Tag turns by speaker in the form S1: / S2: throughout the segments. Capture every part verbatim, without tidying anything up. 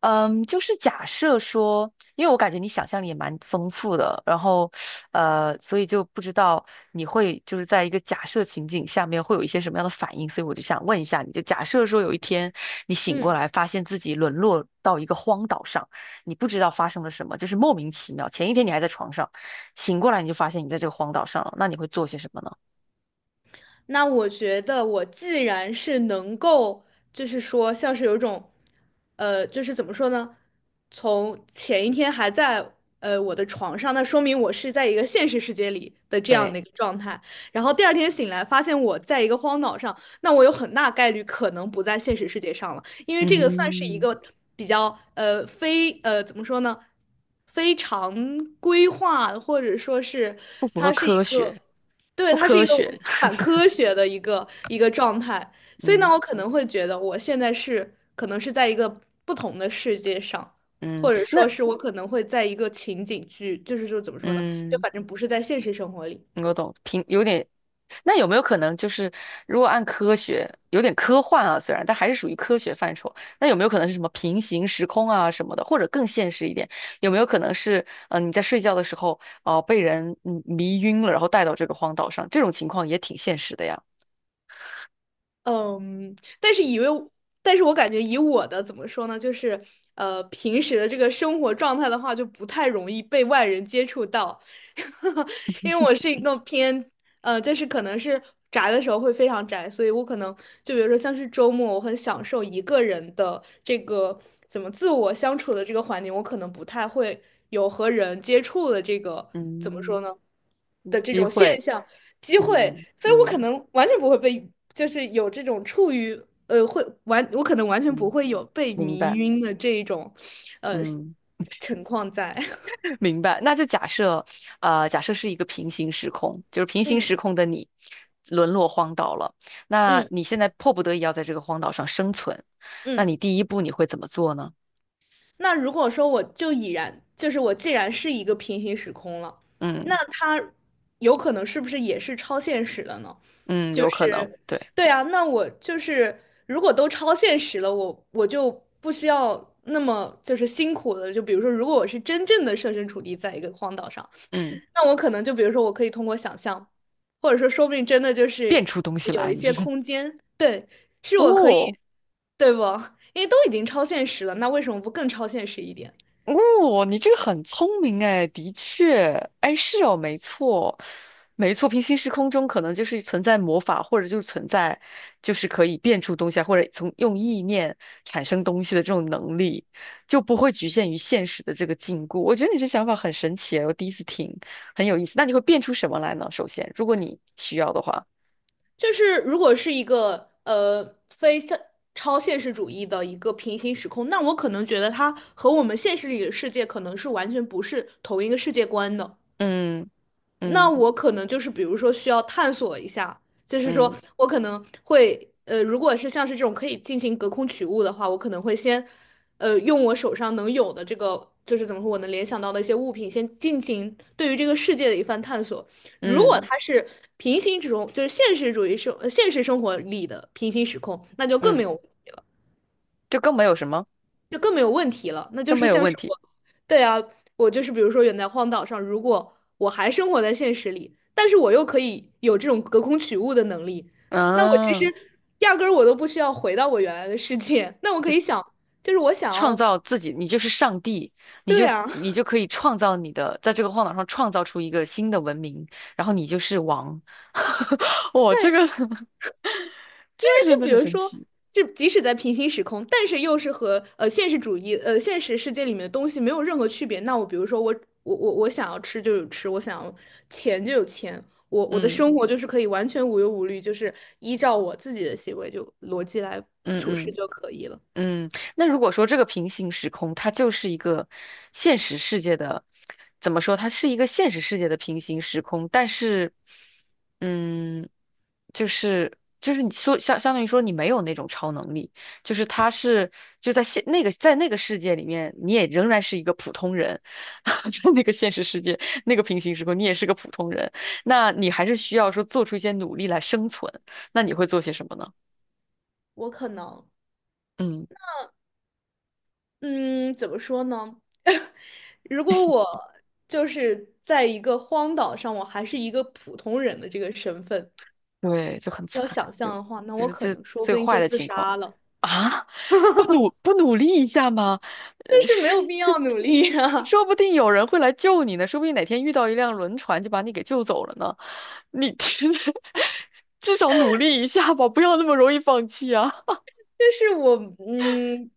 S1: 嗯，就是假设说，因为我感觉你想象力也蛮丰富的，然后，呃，所以就不知道你会就是在一个假设情景下面会有一些什么样的反应，所以我就想问一下你，就假设说有一天你醒过
S2: 嗯，
S1: 来，发现自己沦落到一个荒岛上，你不知道发生了什么，就是莫名其妙，前一天你还在床上，醒过来你就发现你在这个荒岛上了，那你会做些什么呢？
S2: 那我觉得我既然是能够，就是说像是有一种，呃，就是怎么说呢？从前一天还在呃我的床上，那说明我是在一个现实世界里的这样
S1: 对。
S2: 的一个状态。然后第二天醒来，发现我在一个荒岛上，那我有很大概率可能不在现实世界上了，因为这个算是一
S1: 嗯，
S2: 个比较呃非呃怎么说呢？非常规划，或者说是
S1: 不符合
S2: 它是一
S1: 科
S2: 个。
S1: 学，
S2: 对，
S1: 不
S2: 它是
S1: 科
S2: 一个
S1: 学。
S2: 反 科学的一个一个状态，所以呢，
S1: 嗯
S2: 我可能会觉得我现在是可能是在一个不同的世界上，
S1: 嗯。
S2: 或者说
S1: 那
S2: 是我可能会在一个情景剧，就是说怎么说呢，就
S1: 嗯。
S2: 反正不是在现实生活里。
S1: 我懂，平有点。那有没有可能就是，如果按科学，有点科幻啊，虽然，但还是属于科学范畴。那有没有可能是什么平行时空啊什么的，或者更现实一点，有没有可能是，嗯、你在睡觉的时候，哦、被人嗯迷晕了，然后带到这个荒岛上，这种情况也挺现实的呀。
S2: 嗯，但是以为，但是我感觉以我的怎么说呢，就是呃，平时的这个生活状态的话，就不太容易被外人接触到，因为我是一个偏呃，就是可能是宅的时候会非常宅，所以我可能就比如说像是周末，我很享受一个人的这个怎么自我相处的这个环境，我可能不太会有和人接触的这个怎么说
S1: 嗯，
S2: 呢的这
S1: 机
S2: 种现
S1: 会，
S2: 象。机会，
S1: 嗯
S2: 所以我可
S1: 嗯
S2: 能完全不会被，就是有这种处于呃会完，我可能完全不
S1: 嗯，
S2: 会有被
S1: 明
S2: 迷
S1: 白，
S2: 晕的这一种呃
S1: 嗯。
S2: 情况在。
S1: 明白，那就假设，呃，假设是一个平行时空，就是平行
S2: 嗯
S1: 时空的你沦落荒岛了，那
S2: 嗯
S1: 你现在迫不得已要在这个荒岛上生存，那
S2: 嗯。
S1: 你第一步你会怎么做呢？
S2: 那如果说我就已然，就是我既然是一个平行时空了，那
S1: 嗯
S2: 它有可能是不是也是超现实的呢？
S1: 嗯，
S2: 就
S1: 有可能，
S2: 是，
S1: 对，
S2: 对啊，那我就是如果都超现实了，我我就不需要那么就是辛苦的。就比如说，如果我是真正的设身处地在一个荒岛上，
S1: 嗯，
S2: 那我可能就比如说，我可以通过想象，或者说说不定真的就是
S1: 变出东西
S2: 有
S1: 来，
S2: 一
S1: 你
S2: 些
S1: 是
S2: 空间，对，是我可以，
S1: 哦。
S2: 对不？因为都已经超现实了，那为什么不更超现实一点？
S1: 哦，你这个很聪明哎，的确，哎，是哦，没错，没错，平行时空中可能就是存在魔法，或者就是存在，就是可以变出东西啊，或者从用意念产生东西的这种能力，就不会局限于现实的这个禁锢。我觉得你这想法很神奇哎我第一次听，很有意思。那你会变出什么来呢？首先，如果你需要的话，
S2: 就是如果是一个呃非现超现实主义的一个平行时空，那我可能觉得它和我们现实里的世界可能是完全不是同一个世界观的。
S1: 嗯
S2: 那
S1: 嗯
S2: 我可能就是比如说需要探索一下，就是说
S1: 嗯
S2: 我可能会呃，如果是像是这种可以进行隔空取物的话，我可能会先呃用我手上能有的这个。就是怎么说，我能联想到的一些物品，先进行对于这个世界的一番探索。如果
S1: 嗯
S2: 它是平行时空，就是现实主义生，呃现实生活里的平行时空，那就更
S1: 嗯，
S2: 没有。
S1: 就更没有什么，
S2: 就更没有问题了。那就
S1: 更没
S2: 是
S1: 有
S2: 像
S1: 问
S2: 是
S1: 题。
S2: 我，对啊，我就是比如说远在荒岛上，如果我还生活在现实里，但是我又可以有这种隔空取物的能力，那我其
S1: 啊，
S2: 实压根儿我都不需要回到我原来的世界，那我可
S1: 就
S2: 以想，就是我想
S1: 创
S2: 要
S1: 造自己，你就是上帝，你
S2: 这
S1: 就
S2: 样，
S1: 你就 可以创造你的，在这个荒岛上创造出一个新的文明，然后你就是王。哇，这
S2: 对
S1: 个 这
S2: 因为
S1: 个真
S2: 就
S1: 的
S2: 比
S1: 很
S2: 如
S1: 神
S2: 说，
S1: 奇。
S2: 就即使在平行时空，但是又是和呃现实主义呃现实世界里面的东西没有任何区别。那我比如说我我我我想要吃就有吃，我想要钱就有钱，我我的
S1: 嗯
S2: 生活就是可以完全无忧无虑，就是依照我自己的行为就逻辑来
S1: 嗯
S2: 处事
S1: 嗯。
S2: 就可以了。
S1: 嗯，那如果说这个平行时空，它就是一个现实世界的，怎么说？它是一个现实世界的平行时空，但是，嗯，就是就是你说相相当于说你没有那种超能力，就是他是就在现那个在那个世界里面，你也仍然是一个普通人。在那个现实世界那个平行时空，你也是个普通人，那你还是需要说做出一些努力来生存，那你会做些什么呢？
S2: 我可能
S1: 嗯。
S2: 嗯怎么说呢？如果我就是在一个荒岛上，我还是一个普通人的这个身份，
S1: 对，就很
S2: 要
S1: 惨，
S2: 想
S1: 就
S2: 象的话，那
S1: 就
S2: 我
S1: 是
S2: 可
S1: 最
S2: 能说不
S1: 最
S2: 定
S1: 坏
S2: 就
S1: 的
S2: 自
S1: 情况
S2: 杀了。
S1: 啊！不努不努力一下吗？
S2: 就
S1: 呃
S2: 是没
S1: 是，
S2: 有必要努 力啊。
S1: 说不 定有人会来救你呢，说不定哪天遇到一辆轮船就把你给救走了呢。你 至少努力一下吧，不要那么容易放弃啊！
S2: 就是我，嗯，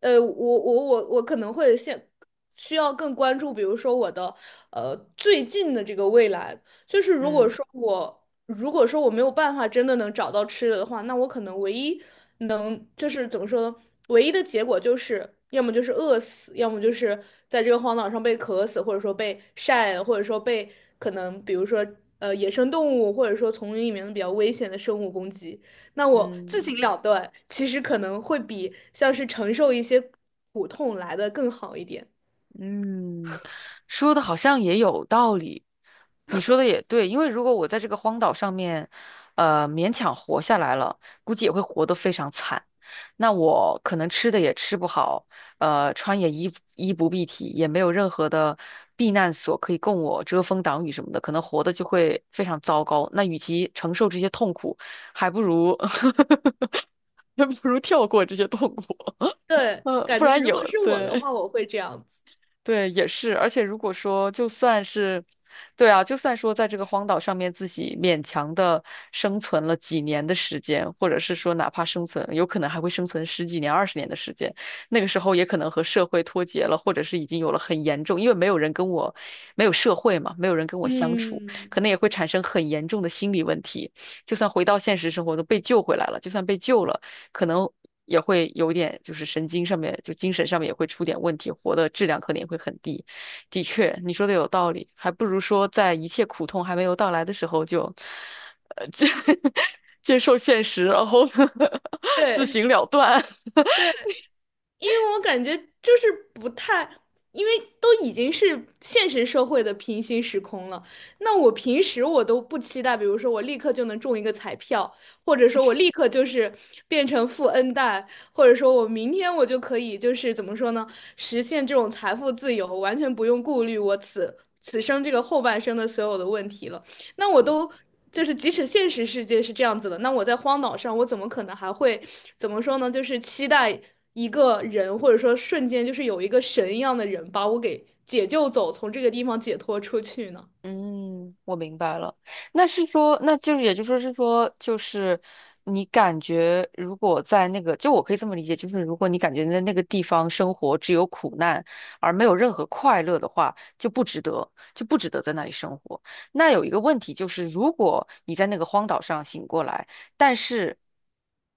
S2: 呃，我我我我可能会现需要更关注，比如说我的呃最近的这个未来。就是如果
S1: 嗯
S2: 说我如果说我没有办法真的能找到吃的的话，那我可能唯一能就是怎么说呢？唯一的结果就是要么就是饿死，要么就是在这个荒岛上被渴死，或者说被晒或者说被可能比如说呃野生动物或者说丛林里面的比较危险的生物攻击。那我自
S1: 嗯。
S2: 行了断，其实可能会比像是承受一些苦痛来的更好一点。
S1: 嗯，说的好像也有道理，你说的也对，因为如果我在这个荒岛上面，呃，勉强活下来了，估计也会活得非常惨。那我可能吃的也吃不好，呃，穿也衣衣不蔽体，也没有任何的避难所可以供我遮风挡雨什么的，可能活的就会非常糟糕。那与其承受这些痛苦，还不如 还不如跳过这些痛苦，
S2: 对，
S1: 呃，
S2: 感
S1: 不
S2: 觉
S1: 然
S2: 如果
S1: 有，
S2: 是我的
S1: 对。
S2: 话，我会这样子。
S1: 对，也是，而且如果说就算是，对啊，就算说在这个荒岛上面自己勉强的生存了几年的时间，或者是说哪怕生存，有可能还会生存十几年、二十年的时间，那个时候也可能和社会脱节了，或者是已经有了很严重，因为没有人跟我，没有社会嘛，没有人跟我相处，
S2: 嗯，
S1: 可能也会产生很严重的心理问题。就算回到现实生活，都被救回来了，就算被救了。可能也会有点就是神经上面就精神上面也会出点问题，活的质量可能也会很低。的确，你说的有道理，还不如说在一切苦痛还没有到来的时候就，呃，接 接受现实，然后呢 自
S2: 对
S1: 行了断。
S2: 对，因为我感觉就是不太，因为都已经是现实社会的平行时空了。那我平时我都不期待，比如说我立刻就能中一个彩票，或者说我立刻就是变成富 N 代，或者说我明天我就可以就是怎么说呢，实现这种财富自由，完全不用顾虑我此此生这个后半生的所有的问题了。那我
S1: 嗯，
S2: 都就是，即使现实世界是这样子的，那我在荒岛上，我怎么可能还会怎么说呢？就是期待一个人，或者说瞬间就是有一个神一样的人把我给解救走，从这个地方解脱出去呢？
S1: 嗯，我明白了。那是说，那就是也就说是说，就是你感觉如果在那个，就我可以这么理解，就是如果你感觉在那个地方生活只有苦难而没有任何快乐的话，就不值得，就不值得在那里生活。那有一个问题就是，如果你在那个荒岛上醒过来，但是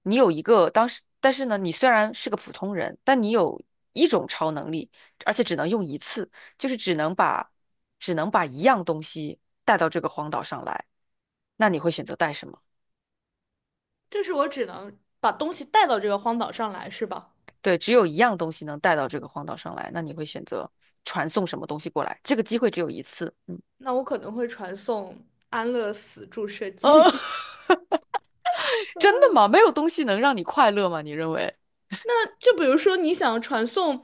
S1: 你有一个当时，但是呢，你虽然是个普通人，但你有一种超能力，而且只能用一次。就是只能把只能把一样东西带到这个荒岛上来，那你会选择带什么？
S2: 就是我只能把东西带到这个荒岛上来，是吧？
S1: 对，只有一样东西能带到这个荒岛上来，那你会选择传送什么东西过来？这个机会只有一次，嗯，
S2: 那我可能会传送安乐死注射
S1: 哦，
S2: 剂。
S1: 真的吗？没有东西能让你快乐吗？你认为？
S2: 那就比如说你想传送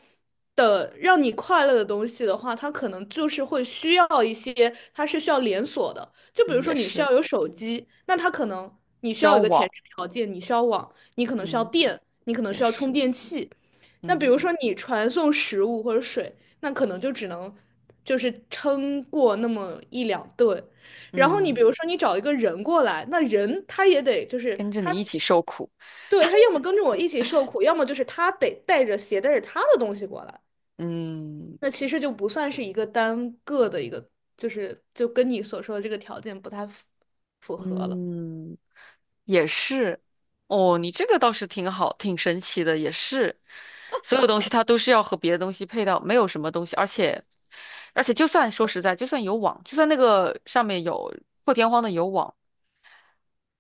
S2: 的让你快乐的东西的话，它可能就是会需要一些，它是需要连锁的。就比
S1: 嗯，
S2: 如说
S1: 也
S2: 你需
S1: 是，
S2: 要有手机，那它可能你需要有
S1: 交
S2: 一个前
S1: 往，
S2: 置条件，你需要网，你可能需要
S1: 嗯，
S2: 电，你可能
S1: 也
S2: 需要充
S1: 是，
S2: 电器。那比
S1: 嗯
S2: 如说你传送食物或者水，那可能就只能就是撑过那么一两顿。然后你
S1: 嗯，
S2: 比如说你找一个人过来，那人他也得就是
S1: 跟着
S2: 他
S1: 你一起受苦，
S2: 对，他要么跟着我一起受苦，要么就是他得带着携带着他的东西过来。
S1: 嗯。
S2: 那其实就不算是一个单个的一个，就是就跟你所说的这个条件不太符符合了。
S1: 嗯，也是。哦，你这个倒是挺好，挺神奇的，也是。所有东西它都是要和别的东西配套，没有什么东西，而且，而且就算说实在，就算有网，就算那个上面有破天荒的有网。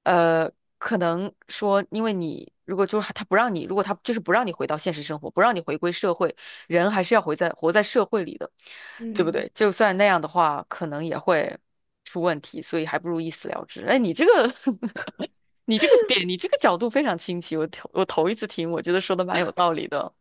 S1: 呃，可能说，因为你如果就是他不让你，如果他就是不让你回到现实生活，不让你回归社会，人还是要回在活在社会里的，对不
S2: 嗯，
S1: 对？就算那样的话，可能也会出问题，所以还不如一死了之。哎，你这个，你这个点，你这个角度非常清晰，我头我头一次听，我觉得说的蛮有道理的，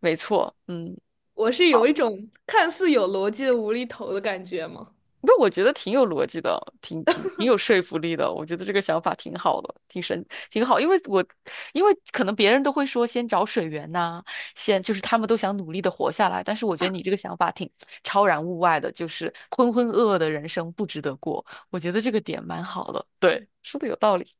S1: 没错，嗯。
S2: 我是有一种看似有逻辑的无厘头的感觉吗？
S1: 不，我觉得挺有逻辑的，挺挺挺有说服力的。我觉得这个想法挺好的，挺神，挺好。因为我，因为可能别人都会说先找水源呐、先就是他们都想努力的活下来。但是我觉得你这个想法挺超然物外的，就是浑浑噩噩的人生不值得过。我觉得这个点蛮好的，对，说的有道理。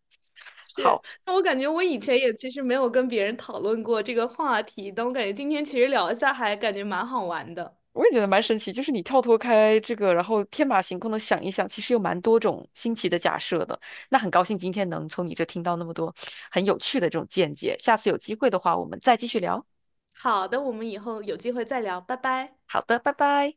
S2: 是，
S1: 好。
S2: 那我感觉我以前也其实没有跟别人讨论过这个话题，但我感觉今天其实聊一下还感觉蛮好玩的。
S1: 我也觉得蛮神奇，就是你跳脱开这个，然后天马行空的想一想，其实有蛮多种新奇的假设的。那很高兴今天能从你这听到那么多很有趣的这种见解，下次有机会的话，我们再继续聊。
S2: 好的，我们以后有机会再聊，拜拜。
S1: 好的，拜拜。